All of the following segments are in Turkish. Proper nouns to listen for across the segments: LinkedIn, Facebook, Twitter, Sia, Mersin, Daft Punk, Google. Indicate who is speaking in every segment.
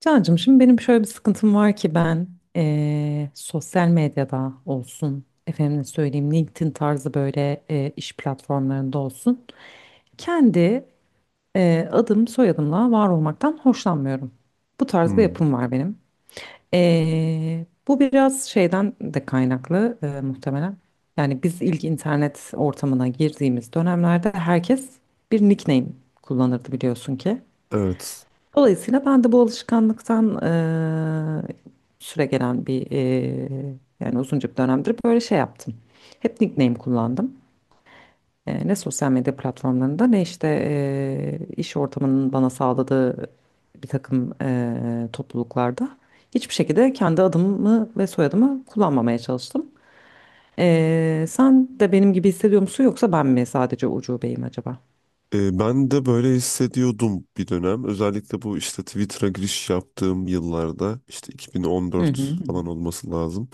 Speaker 1: Cancığım şimdi benim şöyle bir sıkıntım var ki ben sosyal medyada olsun, efendim söyleyeyim LinkedIn tarzı böyle iş platformlarında olsun. Kendi adım soyadımla var olmaktan hoşlanmıyorum. Bu tarz bir
Speaker 2: Hmm,
Speaker 1: yapım var benim. Bu biraz şeyden de kaynaklı muhtemelen. Yani biz ilk internet ortamına girdiğimiz dönemlerde herkes bir nickname kullanırdı biliyorsun ki.
Speaker 2: evet.
Speaker 1: Dolayısıyla ben de bu alışkanlıktan süre gelen bir yani uzunca bir dönemdir böyle şey yaptım. Hep nickname kullandım. Ne sosyal medya platformlarında ne işte iş ortamının bana sağladığı bir takım topluluklarda hiçbir şekilde kendi adımı ve soyadımı kullanmamaya çalıştım. Sen de benim gibi hissediyor musun yoksa ben mi sadece ucubeyim acaba?
Speaker 2: Ben de böyle hissediyordum bir dönem. Özellikle bu işte Twitter'a giriş yaptığım yıllarda işte
Speaker 1: Hı hı
Speaker 2: 2014
Speaker 1: hı. Hı.
Speaker 2: falan olması lazım.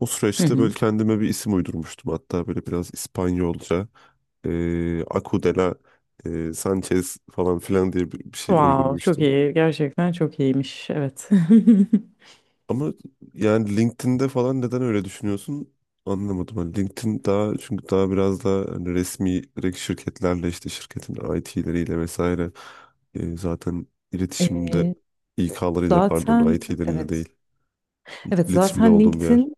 Speaker 2: O
Speaker 1: Hı
Speaker 2: süreçte
Speaker 1: hı.
Speaker 2: böyle kendime bir isim uydurmuştum. Hatta böyle biraz İspanyolca Acudela Sanchez falan filan diye bir şey
Speaker 1: Wow, çok
Speaker 2: uydurmuştum.
Speaker 1: iyi. Gerçekten çok iyiymiş. Evet.
Speaker 2: Ama yani LinkedIn'de falan neden öyle düşünüyorsun anlamadım. Hani LinkedIn daha çünkü daha biraz daha hani resmi direkt şirketlerle işte şirketin IT'leriyle vesaire zaten iletişimde
Speaker 1: Ee,
Speaker 2: İK'larıyla pardon
Speaker 1: Zaten
Speaker 2: IT'leriyle
Speaker 1: evet.
Speaker 2: değil
Speaker 1: Evet
Speaker 2: iletişimde
Speaker 1: zaten
Speaker 2: olduğum bir yer.
Speaker 1: LinkedIn,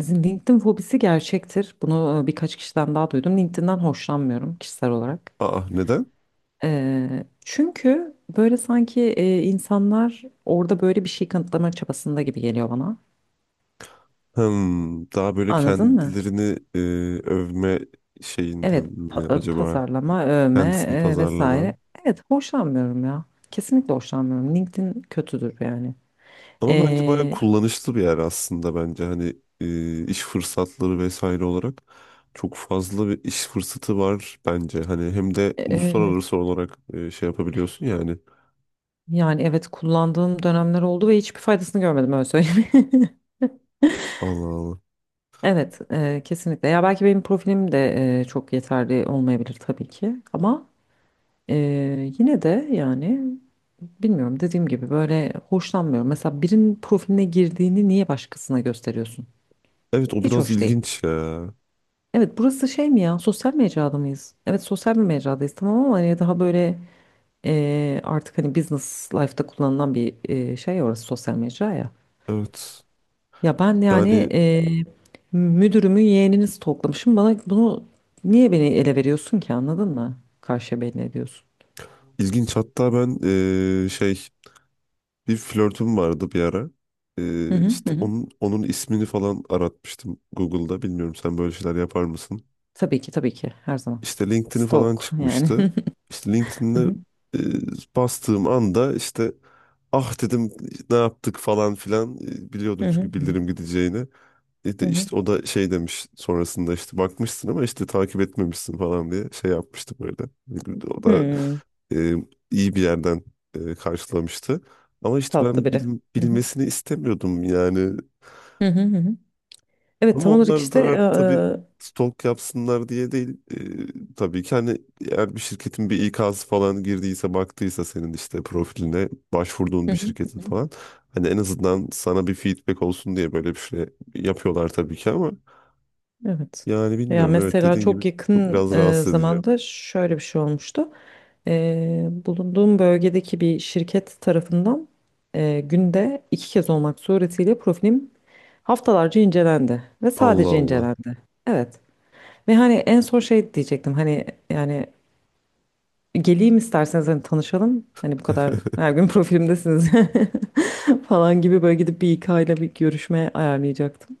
Speaker 1: LinkedIn fobisi gerçektir. Bunu birkaç kişiden daha duydum. LinkedIn'den hoşlanmıyorum kişisel olarak.
Speaker 2: Aa neden?
Speaker 1: Çünkü böyle sanki insanlar orada böyle bir şey kanıtlama çabasında gibi geliyor bana.
Speaker 2: Hmm, daha böyle
Speaker 1: Anladın mı?
Speaker 2: kendilerini övme şeyinden
Speaker 1: Evet,
Speaker 2: mi acaba?
Speaker 1: pazarlama, övme
Speaker 2: Kendisini pazarlama.
Speaker 1: vesaire. Evet, hoşlanmıyorum ya. Kesinlikle hoşlanmıyorum. LinkedIn kötüdür yani.
Speaker 2: Ama bence bayağı kullanışlı bir yer aslında bence hani iş fırsatları vesaire olarak çok fazla bir iş fırsatı var bence. Hani hem de
Speaker 1: Ee,
Speaker 2: uluslararası olarak şey yapabiliyorsun yani.
Speaker 1: Yani evet kullandığım dönemler oldu ve hiçbir faydasını görmedim öyle söyleyeyim.
Speaker 2: Allah Allah.
Speaker 1: Evet, kesinlikle. Ya belki benim profilim de çok yeterli olmayabilir tabii ki. Ama e, yine de yani bilmiyorum dediğim gibi böyle hoşlanmıyorum. Mesela birinin profiline girdiğini niye başkasına gösteriyorsun?
Speaker 2: Evet, o
Speaker 1: Hiç
Speaker 2: biraz
Speaker 1: hoş değil.
Speaker 2: ilginç ya.
Speaker 1: Evet burası şey mi ya, sosyal mecrada mıyız? Evet sosyal bir mecradayız tamam ama hani daha böyle artık hani business life'da kullanılan bir şey, orası sosyal mecra ya.
Speaker 2: Evet.
Speaker 1: Ya ben yani
Speaker 2: Yani
Speaker 1: müdürümün yeğenini stalklamışım. Bana bunu niye beni ele veriyorsun ki, anladın mı? Karşıya belli ediyorsun.
Speaker 2: ilginç, hatta ben e, şey bir flörtüm vardı bir ara. E,
Speaker 1: Hı hı hı.
Speaker 2: işte
Speaker 1: Hı.
Speaker 2: onun ismini falan aratmıştım Google'da. Bilmiyorum, sen böyle şeyler yapar mısın?
Speaker 1: Tabii ki, tabii ki, her zaman.
Speaker 2: İşte LinkedIn'i falan
Speaker 1: Stalk yani.
Speaker 2: çıkmıştı. İşte
Speaker 1: Hı
Speaker 2: LinkedIn'de
Speaker 1: hı
Speaker 2: bastığım anda işte ah dedim ne yaptık falan filan. E, biliyordum
Speaker 1: hı hı
Speaker 2: çünkü bildirim gideceğini. E
Speaker 1: hı.
Speaker 2: de
Speaker 1: Hı.
Speaker 2: işte o da şey demiş sonrasında işte bakmışsın ama işte takip etmemişsin falan diye şey yapmıştı böyle. O da
Speaker 1: Hmm,
Speaker 2: e, iyi bir yerden karşılamıştı. Ama işte
Speaker 1: tatlı
Speaker 2: ben
Speaker 1: biri. Hı hı
Speaker 2: bilmesini istemiyordum yani.
Speaker 1: hı hı. Hı hı. Evet
Speaker 2: Ama
Speaker 1: tam olarak
Speaker 2: onlar da
Speaker 1: işte
Speaker 2: tabii
Speaker 1: hı
Speaker 2: stalk yapsınlar diye değil. Tabii ki hani eğer bir şirketin bir ikazı falan girdiyse baktıysa senin işte profiline başvurduğun
Speaker 1: hı,
Speaker 2: bir
Speaker 1: hı
Speaker 2: şirketin
Speaker 1: hı,
Speaker 2: falan. Hani en azından sana bir feedback olsun diye böyle bir şey yapıyorlar tabii ki, ama
Speaker 1: evet.
Speaker 2: yani
Speaker 1: Ya
Speaker 2: bilmiyorum, evet,
Speaker 1: mesela
Speaker 2: dediğin gibi
Speaker 1: çok
Speaker 2: çok
Speaker 1: yakın
Speaker 2: biraz rahatsız edici.
Speaker 1: zamanda şöyle bir şey olmuştu. Bulunduğum bölgedeki bir şirket tarafından günde iki kez olmak suretiyle profilim haftalarca incelendi ve
Speaker 2: Allah
Speaker 1: sadece
Speaker 2: Allah.
Speaker 1: incelendi. Evet. Ve hani en son şey diyecektim, hani yani geleyim isterseniz hani tanışalım. Hani bu kadar her gün profilimdesiniz falan gibi, böyle gidip bir İK ile bir görüşme ayarlayacaktım.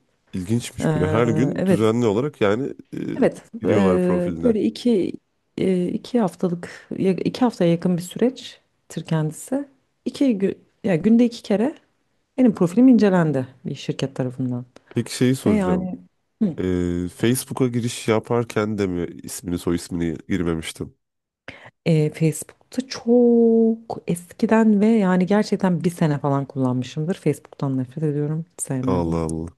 Speaker 1: Eee,
Speaker 2: İlginçmiş böyle her gün
Speaker 1: evet
Speaker 2: düzenli olarak yani,
Speaker 1: Evet,
Speaker 2: giriyorlar profiline.
Speaker 1: böyle iki iki haftaya yakın bir süreçtir kendisi. İki gün ya Günde iki kere benim profilim incelendi bir şirket tarafından
Speaker 2: Peki şeyi
Speaker 1: ve
Speaker 2: soracağım.
Speaker 1: yani hı,
Speaker 2: Facebook'a giriş yaparken de mi ismini soy ismini girmemiştim?
Speaker 1: Facebook'ta çok eskiden ve yani gerçekten bir sene falan kullanmışımdır. Facebook'tan nefret ediyorum, sevmiyorum.
Speaker 2: Allah Allah.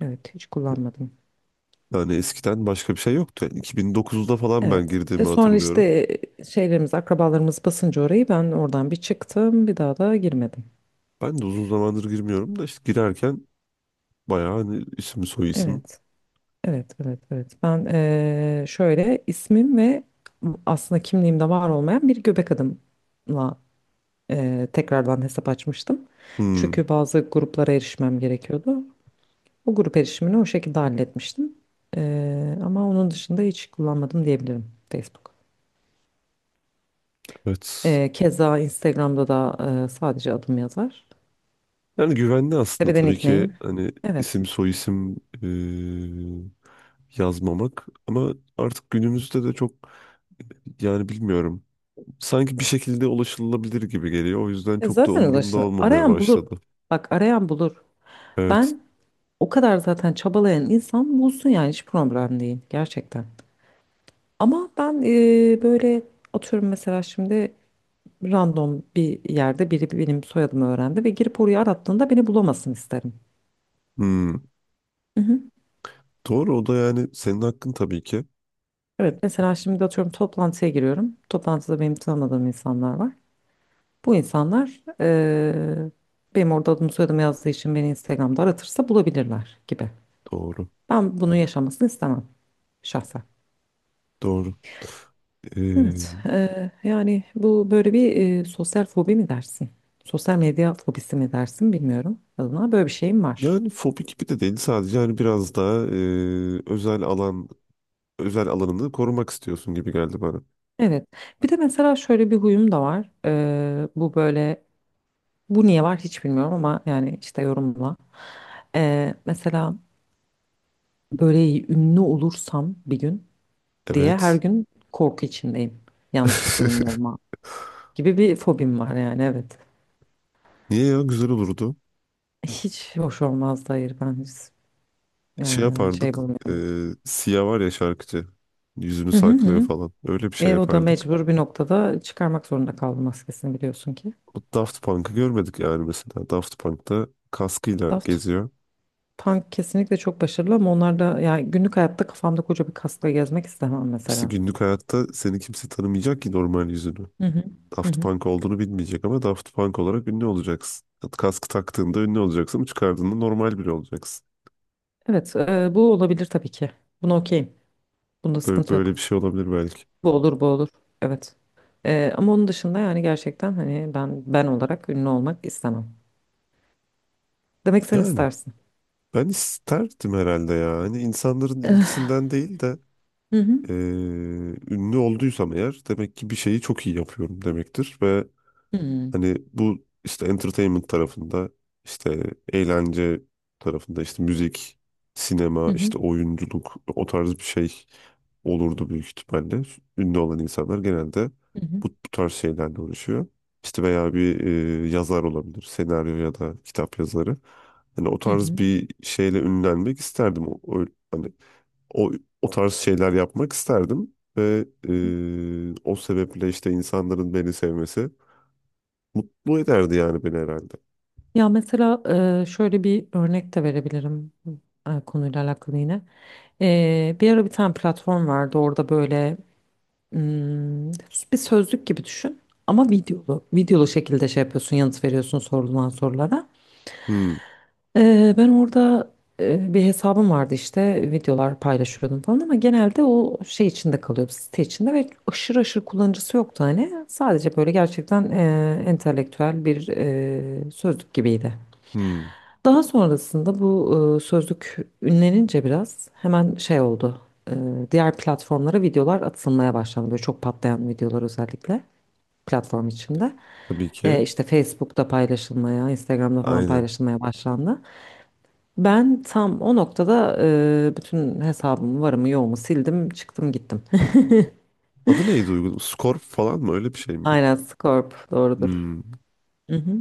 Speaker 1: Evet, hiç kullanmadım.
Speaker 2: Yani eskiden başka bir şey yoktu. Yani 2009'da falan ben
Speaker 1: Evet. E
Speaker 2: girdiğimi
Speaker 1: sonra
Speaker 2: hatırlıyorum.
Speaker 1: işte şeylerimiz, akrabalarımız basınca orayı ben oradan bir çıktım, bir daha da girmedim.
Speaker 2: Ben de uzun zamandır girmiyorum da işte girerken bayağı hani isim soy isim.
Speaker 1: Evet. Evet, evet, evet. Ben şöyle ismim ve aslında kimliğimde var olmayan bir göbek adımla tekrardan hesap açmıştım.
Speaker 2: Hmm,
Speaker 1: Çünkü bazı gruplara erişmem gerekiyordu. O grup erişimini o şekilde halletmiştim. Ama onun dışında hiç kullanmadım diyebilirim Facebook.
Speaker 2: evet.
Speaker 1: Keza Instagram'da da sadece adım yazar.
Speaker 2: Yani güvenli aslında
Speaker 1: Tepeden
Speaker 2: tabii ki
Speaker 1: nickname.
Speaker 2: hani
Speaker 1: Evet.
Speaker 2: isim soy isim, yazmamak, ama artık günümüzde de çok yani bilmiyorum. Sanki bir şekilde ulaşılabilir gibi geliyor. O yüzden
Speaker 1: Ya
Speaker 2: çok da
Speaker 1: zaten
Speaker 2: umurumda
Speaker 1: ulaşılır.
Speaker 2: olmamaya
Speaker 1: Arayan bulur.
Speaker 2: başladı.
Speaker 1: Bak arayan bulur.
Speaker 2: Evet.
Speaker 1: Ben o kadar zaten çabalayan insan bulsun yani, hiç problem değil gerçekten. Ama ben böyle atıyorum mesela şimdi random bir yerde biri benim soyadımı öğrendi ve girip orayı arattığında beni bulamasın isterim.
Speaker 2: Hmm.
Speaker 1: Hı hı.
Speaker 2: Doğru, o da yani senin hakkın tabii ki.
Speaker 1: Evet mesela şimdi atıyorum toplantıya giriyorum. Toplantıda benim tanımadığım insanlar var. Bu insanlar benim orada adımı soyadımı yazdığı için beni Instagram'da aratırsa bulabilirler gibi.
Speaker 2: Doğru.
Speaker 1: Ben bunu yaşamasını istemem şahsen.
Speaker 2: Doğru.
Speaker 1: Evet,
Speaker 2: Ee,
Speaker 1: yani bu böyle bir sosyal fobi mi dersin? Sosyal medya fobisi mi dersin bilmiyorum. Adına böyle bir şeyim var.
Speaker 2: yani fobi gibi de değil, sadece yani biraz daha özel alanını korumak istiyorsun gibi geldi bana.
Speaker 1: Evet. Bir de mesela şöyle bir huyum da var. Bu böyle, bu niye var hiç bilmiyorum ama yani işte yorumla. Mesela böyle ünlü olursam bir gün diye her
Speaker 2: Evet.
Speaker 1: gün korku içindeyim. Yanlışlıkla ünlü olma gibi bir fobim var yani, evet.
Speaker 2: Niye ya, güzel olurdu.
Speaker 1: Hiç hoş olmaz da, hayır ben hiç,
Speaker 2: Şey
Speaker 1: şey
Speaker 2: yapardık. E,
Speaker 1: bulmuyorum.
Speaker 2: Sia var ya şarkıcı. Yüzünü
Speaker 1: Hı hı
Speaker 2: saklıyor
Speaker 1: hı.
Speaker 2: falan. Öyle bir şey
Speaker 1: E, o da
Speaker 2: yapardık.
Speaker 1: mecbur bir noktada çıkarmak zorunda kaldı maskesini, biliyorsun ki.
Speaker 2: O Daft Punk'ı görmedik yani mesela. Daft Punk'ta kaskıyla
Speaker 1: Daft
Speaker 2: geziyor.
Speaker 1: Punk kesinlikle çok başarılı ama onlar da, yani günlük hayatta kafamda koca bir kaskla gezmek istemem
Speaker 2: İşte
Speaker 1: mesela.
Speaker 2: günlük hayatta seni kimse tanımayacak ki normal yüzünü.
Speaker 1: Hı hı. Hı
Speaker 2: Daft
Speaker 1: hı.
Speaker 2: Punk olduğunu bilmeyecek ama Daft Punk olarak ünlü olacaksın. Kaskı taktığında ünlü olacaksın ama çıkardığında normal biri olacaksın.
Speaker 1: Evet, bu olabilir tabii ki. Buna okeyim. Bunda
Speaker 2: Böyle,
Speaker 1: sıkıntı
Speaker 2: böyle bir
Speaker 1: yok.
Speaker 2: şey olabilir belki.
Speaker 1: Bu olur, bu olur. Evet. E, ama onun dışında yani gerçekten hani ben ben olarak ünlü olmak istemem. Demek sen
Speaker 2: Yani
Speaker 1: istersin.
Speaker 2: ben isterdim herhalde ya. Hani insanların ilgisinden değil de,
Speaker 1: Hı hı.
Speaker 2: eee, ünlü olduysam eğer demek ki bir şeyi çok iyi yapıyorum demektir ve
Speaker 1: Hı hı.
Speaker 2: hani bu işte entertainment tarafında, işte eğlence tarafında, işte müzik,
Speaker 1: Hı
Speaker 2: sinema,
Speaker 1: hı.
Speaker 2: işte oyunculuk, o tarz bir şey olurdu büyük ihtimalle. Ünlü olan insanlar genelde
Speaker 1: Hı hı.
Speaker 2: bu tarz şeylerle uğraşıyor. İşte veya bir yazar olabilir, senaryo ya da kitap yazarı. Hani o
Speaker 1: Hı
Speaker 2: tarz
Speaker 1: hı.
Speaker 2: bir şeyle ünlenmek isterdim. Hani o, o tarz şeyler yapmak isterdim ve o sebeple işte insanların beni sevmesi mutlu ederdi yani beni herhalde.
Speaker 1: Ya mesela şöyle bir örnek de verebilirim konuyla alakalı yine. E, bir ara bir tane platform vardı, orada böyle mm, bir sözlük gibi düşün ama videolu. Videolu şekilde şey yapıyorsun, yanıt veriyorsun sorulan sorulara.
Speaker 2: Hmm,
Speaker 1: Ben orada bir hesabım vardı işte, videolar paylaşıyordum falan ama genelde o şey içinde kalıyordu, site içinde, ve aşırı aşırı kullanıcısı yoktu hani. Sadece böyle gerçekten entelektüel bir sözlük gibiydi.
Speaker 2: hmm.
Speaker 1: Daha sonrasında bu sözlük ünlenince biraz hemen şey oldu. E, Diğer platformlara videolar atılmaya başlandı. Böyle çok patlayan videolar özellikle platform içinde.
Speaker 2: Tabii ki.
Speaker 1: İşte Facebook'ta paylaşılmaya, Instagram'da falan
Speaker 2: Aynen.
Speaker 1: paylaşılmaya başlandı. Ben tam o noktada bütün hesabımı, varımı, yoğumu sildim, çıktım gittim.
Speaker 2: Adı neydi uygun? Skor falan mı? Öyle bir şey miydi?
Speaker 1: Aynen, Scorp doğrudur.
Speaker 2: Hmm.
Speaker 1: Hı hı,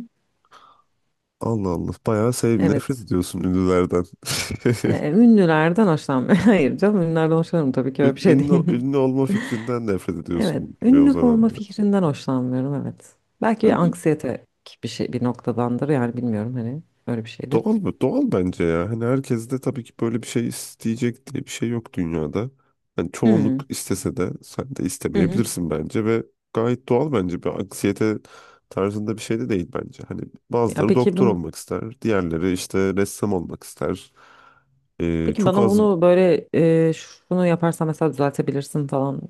Speaker 2: Allah Allah. Bayağı sevim. Nefret
Speaker 1: evet.
Speaker 2: ediyorsun ünlülerden.
Speaker 1: E, ünlülerden hoşlanmıyorum. Hayır canım, ünlülerden hoşlanırım tabii ki, öyle bir şey
Speaker 2: Ünlü,
Speaker 1: değil.
Speaker 2: ünlü olma fikrinden nefret
Speaker 1: Evet,
Speaker 2: ediyorsun gibi o
Speaker 1: ünlü
Speaker 2: zaman.
Speaker 1: olma fikrinden hoşlanmıyorum, evet. Belki anksiyete bir şey bir noktadandır yani, bilmiyorum hani, öyle bir şeydir.
Speaker 2: Doğal mı? Doğal bence ya. Hani herkes de tabii ki böyle bir şey isteyecek diye bir şey yok dünyada. Hani çoğunluk
Speaker 1: Hmm.
Speaker 2: istese de sen de
Speaker 1: Hı hı.
Speaker 2: istemeyebilirsin bence ve gayet doğal bence. Bir anksiyete tarzında bir şey de değil bence. Hani
Speaker 1: Ya
Speaker 2: bazıları
Speaker 1: peki
Speaker 2: doktor
Speaker 1: bunu
Speaker 2: olmak ister, diğerleri işte ressam olmak ister.
Speaker 1: peki
Speaker 2: Çok
Speaker 1: bana
Speaker 2: az
Speaker 1: bunu böyle şunu yaparsan mesela düzeltebilirsin falan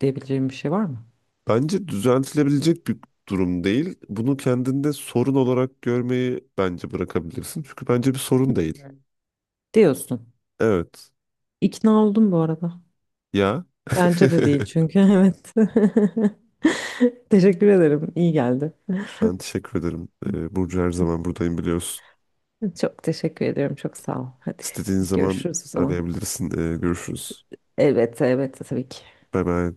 Speaker 1: diyebileceğim bir şey var mı?
Speaker 2: bence düzeltilebilecek bir durum değil. Bunu kendinde sorun olarak görmeyi bence bırakabilirsin. Çünkü bence bir sorun değil.
Speaker 1: Yani diyorsun.
Speaker 2: Evet.
Speaker 1: İkna oldum bu arada.
Speaker 2: Ya.
Speaker 1: Bence de değil çünkü evet. Teşekkür ederim. İyi geldi.
Speaker 2: Ben teşekkür ederim. Burcu, her zaman buradayım biliyorsun.
Speaker 1: Çok teşekkür ediyorum. Çok sağ ol. Hadi
Speaker 2: İstediğin zaman
Speaker 1: görüşürüz o zaman.
Speaker 2: arayabilirsin. Görüşürüz.
Speaker 1: Elbette, elbette, tabii ki.
Speaker 2: Bay bay.